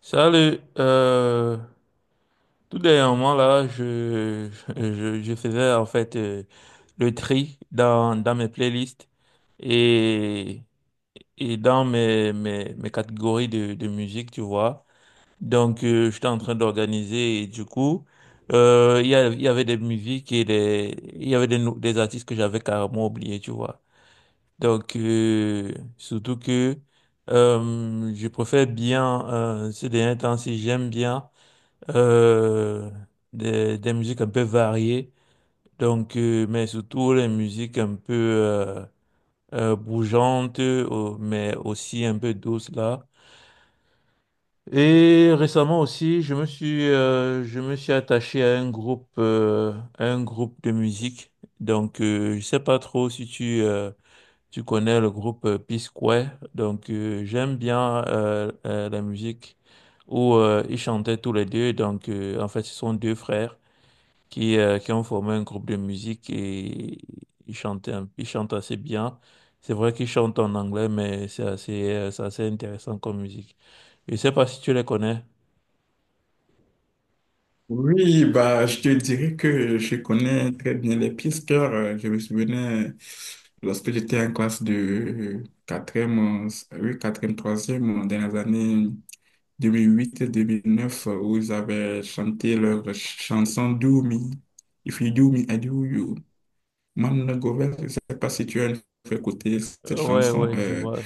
Salut, tout dernièrement là, je faisais en fait le tri dans mes playlists et, et dans mes catégories de musique, tu vois. Donc, j'étais en train d'organiser et du coup, il y avait des musiques il y avait des artistes que j'avais carrément oubliés, tu vois. Donc, surtout que je préfère bien, ces derniers temps, si j'aime bien euh, des musiques un peu variées, donc, mais surtout les musiques un peu bougeantes, mais aussi un peu douces là. Et récemment aussi, je me suis attaché à à un groupe de musique. Donc, je sais pas trop si tu connais le groupe Peace Square. Donc, j'aime bien la musique où ils chantaient tous les deux. Donc, en fait, ce sont deux frères qui ont formé un groupe de musique et ils chantent assez bien. C'est vrai qu'ils chantent en anglais, mais c'est assez intéressant comme musique. Je sais pas si tu les connais. Oui, bah, je te dirais que je connais très bien les pisteurs. Je me souvenais lorsque j'étais en classe de quatrième e oui, 4e, 3e, dans les années 2008-2009, où ils avaient chanté leur chanson "Do Doumi. If you do me, I do you. Man, Govert, je ne sais pas si tu as une fois écouté cette Ouais, chanson. ouais, je vois.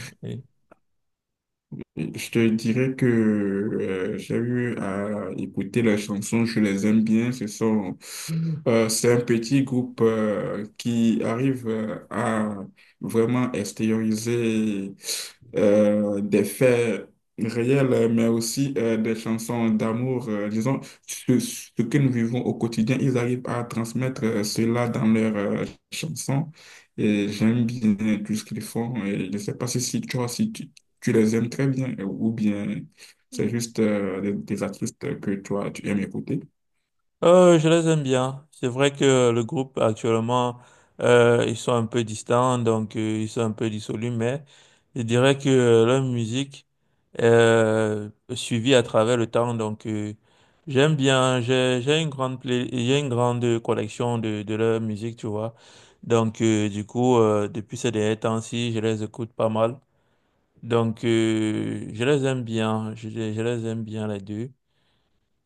Je te dirais que j'ai eu à écouter leurs chansons, je les aime bien. C'est un petit groupe qui arrive à vraiment extérioriser des faits réels, mais aussi des chansons d'amour. Disons, ce que nous vivons au quotidien, ils arrivent à transmettre cela dans leurs chansons. Et j'aime bien tout ce qu'ils font. Et je ne sais pas si, si, tu vois, si tu les aimes très bien ou bien c'est juste des artistes que toi, tu aimes écouter? Je les aime bien. C'est vrai que le groupe actuellement, ils sont un peu distants, donc ils sont un peu dissolus, mais je dirais que leur musique est suivie à travers le temps, donc j'aime bien. J'ai une grande collection de leur musique, tu vois. Donc du coup, depuis ces derniers temps-ci, je les écoute pas mal. Donc je les aime bien. Je les aime bien les deux.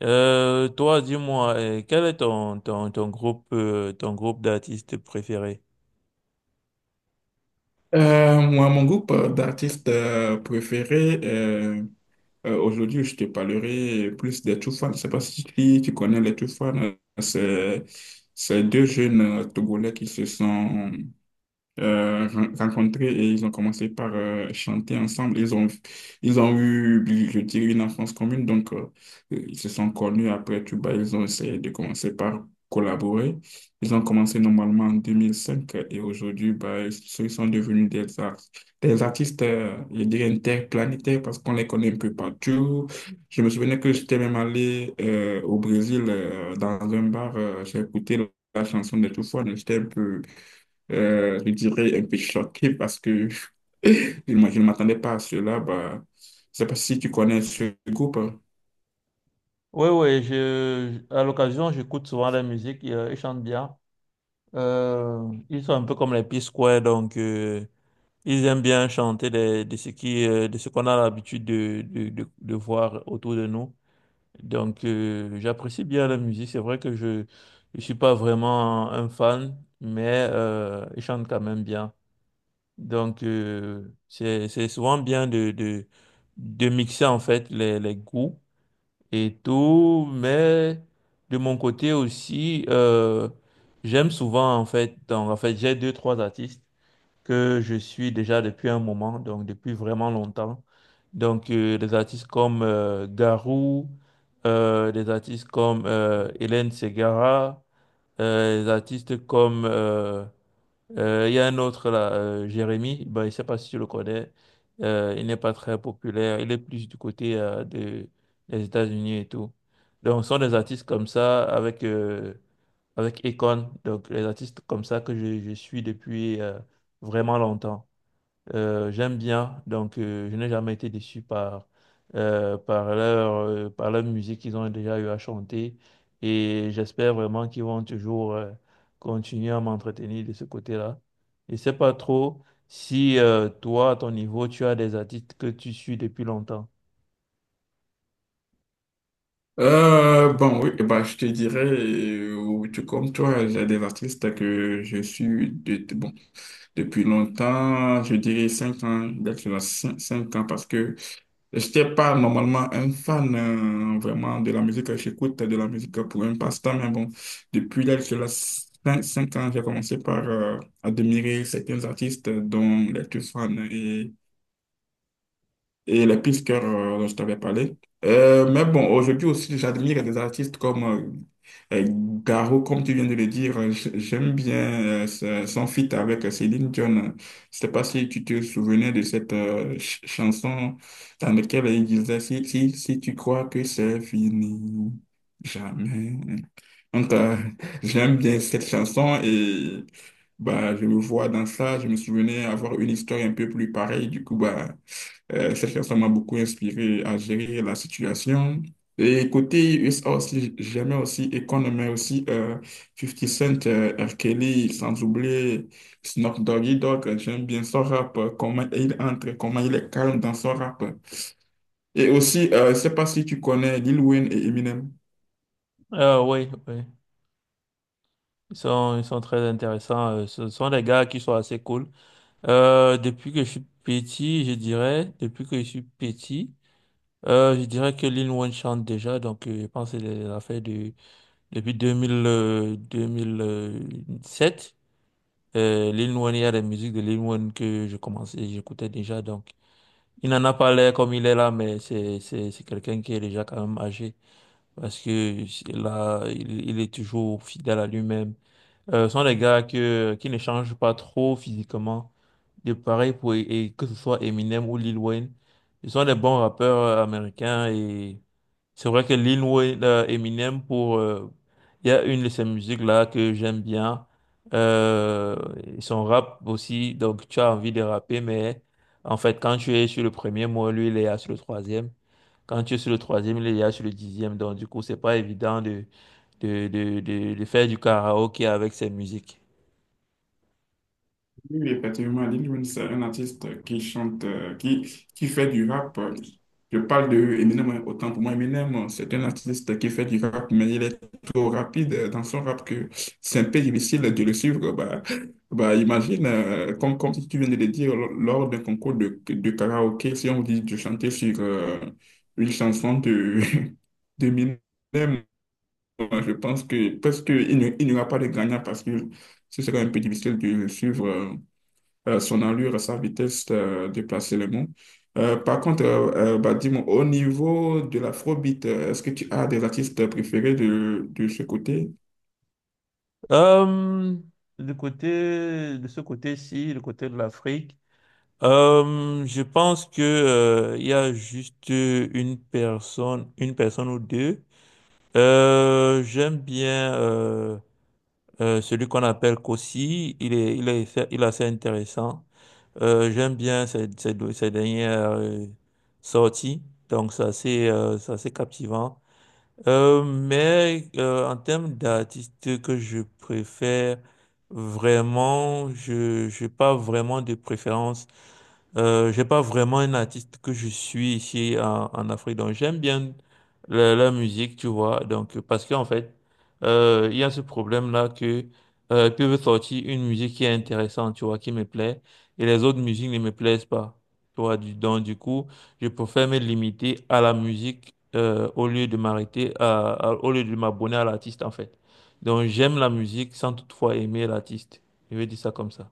Toi, dis-moi, quel est ton groupe d'artistes préféré? Moi, mon groupe d'artistes préférés, aujourd'hui, je te parlerai plus des Two Fans. Je ne sais pas si tu connais les Two. C'est, c'est deux jeunes Togolais qui se sont rencontrés et ils ont commencé par chanter ensemble. Ils ont eu, je dirais, une enfance commune, donc ils se sont connus après Tuba. Ils ont essayé de commencer par collaborer. Ils ont commencé normalement en 2005 et aujourd'hui, bah, ils sont devenus des artistes, je dirais, interplanétaires parce qu'on les connaît un peu partout. Je me souvenais que j'étais même allé au Brésil dans un bar, j'ai écouté la chanson de Toufoua, donc j'étais un peu je dirais un peu choqué parce que je ne m'attendais pas à cela. Bah, je ne sais pas si tu connais ce groupe. Oui, oui, je, à l'occasion, j'écoute souvent la musique, ils chantent bien. Euh, Ils sont un peu comme les P-Square, donc ils aiment bien chanter des- de, ce qui, de ce qu'on a l'habitude de voir autour de nous. Donc j'apprécie bien la musique, c'est vrai que je ne suis pas vraiment un fan, mais ils chantent quand même bien. Donc, c'est souvent bien de mixer en fait les goûts et tout, mais de mon côté aussi, j'aime souvent en fait, donc en fait, j'ai deux, trois artistes que je suis déjà depuis un moment, donc depuis vraiment longtemps. Donc, des artistes comme Garou, des artistes comme Hélène Ségara, des artistes comme il y a un autre là, Jérémy, ben, je ne sais pas si tu le connais. Il n'est pas très populaire. Il est plus du côté des États-Unis et tout. Donc, ce sont des artistes comme ça avec, avec Akon. Donc, les artistes comme ça que je suis depuis vraiment longtemps. J'aime bien, donc je n'ai jamais été déçu par, par leur musique qu'ils ont déjà eu à chanter et j'espère vraiment qu'ils vont toujours continuer à m'entretenir de ce côté-là. Je ne sais pas trop si toi, à ton niveau, tu as des artistes que tu suis depuis longtemps. Bon, oui, bah, je te dirais, oui, tout comme toi, j'ai des artistes que je suis bon, depuis longtemps, je dirais 5 ans, d'être 5 ans parce que Je J'étais pas normalement un fan vraiment de la musique. J'écoute de la musique pour un passe-temps, mais bon, depuis l'âge de 5, ans, j'ai commencé par admirer certains artistes dont les plus fan. Et les pistes que dont je t'avais parlé. Mais bon, aujourd'hui aussi, j'admire des artistes comme euh, euh, Garo, comme tu viens de le dire. J'aime bien son feat avec Céline Dion. Je sais pas si tu te souvenais de cette chanson dans laquelle il disait si tu crois que c'est fini, jamais. Donc, j'aime bien cette chanson et bah, je me vois dans ça. Je me souvenais avoir une histoire un peu plus pareille. Du coup, bah, cette chanson m'a beaucoup inspiré à gérer la situation. Et côté USA aussi, j'aimais aussi Akon, mais aussi 50 Cent, R. Kelly, sans oublier Snoop Doggy Dogg. J'aime bien son rap, comment il entre, comment il est calme dans son rap. Et aussi, je ne sais pas si tu connais Lil Wayne et Eminem. Oui, oui. Ils sont très intéressants. Ce sont des gars qui sont assez cool. Depuis que je suis petit, je dirais, depuis que je suis petit, je dirais que Lil Wayne chante déjà, donc je pense que c'est l'affaire de depuis 2000, 2007. Lil Wayne, il y a des musiques de Lil Wayne que je commençais, j'écoutais déjà, donc il n'en a pas l'air comme il est là, mais c'est quelqu'un qui est déjà quand même âgé, parce que là, il est toujours fidèle à lui-même sont des gars qui ne changent pas trop physiquement. De pareil pour, et que ce soit Eminem ou Lil Wayne. Ils sont des bons rappeurs américains et c'est vrai que Eminem pour, il y a une de ses musiques là que j'aime bien. Euh, et son rap aussi, donc tu as envie de rapper, mais en fait, quand tu es sur le premier mot, lui, il est là sur le troisième. Quand tu es sur le troisième, il est là sur le dixième. Donc, du coup, c'est pas évident de faire du karaoké avec ses musiques. Oui, effectivement, Lil Wayne, c'est un artiste qui chante, qui fait du rap. Je parle de Eminem, autant pour moi, Eminem, c'est un artiste qui fait du rap, mais il est trop rapide dans son rap que c'est un peu difficile de le suivre. Bah, imagine, comme si tu viens de le dire, lors d'un concours de karaoké, si on vous dit de chanter sur une chanson de, de Eminem, je pense que parce qu'il n'y aura pas de gagnant parce que ce serait un peu difficile de le suivre. Son allure, sa vitesse de placer les mots. Par contre, bah, dis-moi, au niveau de l'afrobeat, est-ce que tu as des artistes préférés de ce côté? Euh, du côté, de ce côté-ci, le côté de l'Afrique, je pense que, il y a juste une personne ou deux. J'aime bien, celui qu'on appelle Kossi. Il est assez intéressant. J'aime bien ses dernières sorties. Donc, c'est assez captivant. Mais en termes d'artistes que je préfère, vraiment, je n'ai pas vraiment de préférence. J'ai pas vraiment un artiste que je suis ici en Afrique, donc j'aime bien la musique, tu vois. Donc parce qu'en fait, il y a ce problème-là que ils peuvent sortir une musique qui est intéressante, tu vois, qui me plaît, et les autres musiques ne me plaisent pas, tu vois. Donc du coup, je préfère me limiter à la musique au lieu de m'arrêter au lieu de m'abonner à l'artiste en fait. Donc j'aime la musique sans toutefois aimer l'artiste. Je vais dire ça comme ça.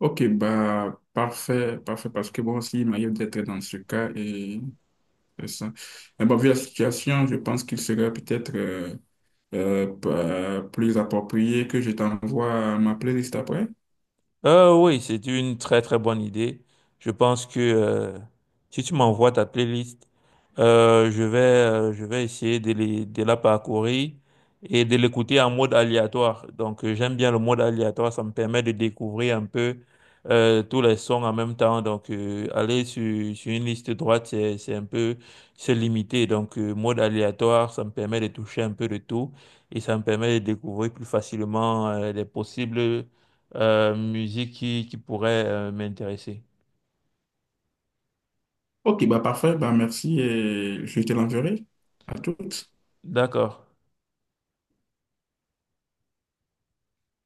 Ok, bah, parfait, parfait, parce que bon, aussi, il m'arrive d'être dans ce cas et c'est ça. Mais bon, vu la situation, je pense qu'il serait peut-être plus approprié que je t'envoie ma playlist après. Oui, c'est une très très bonne idée. Je pense que si tu m'envoies ta playlist, je vais essayer de la parcourir et de l'écouter en mode aléatoire. Donc j'aime bien le mode aléatoire, ça me permet de découvrir un peu tous les sons en même temps. Donc aller sur une liste droite, c'est un peu c'est limité. Donc mode aléatoire, ça me permet de toucher un peu de tout et ça me permet de découvrir plus facilement les possibles musique qui pourrait m'intéresser. Ok, bah parfait, bah merci et je te l'enverrai. À toutes. D'accord.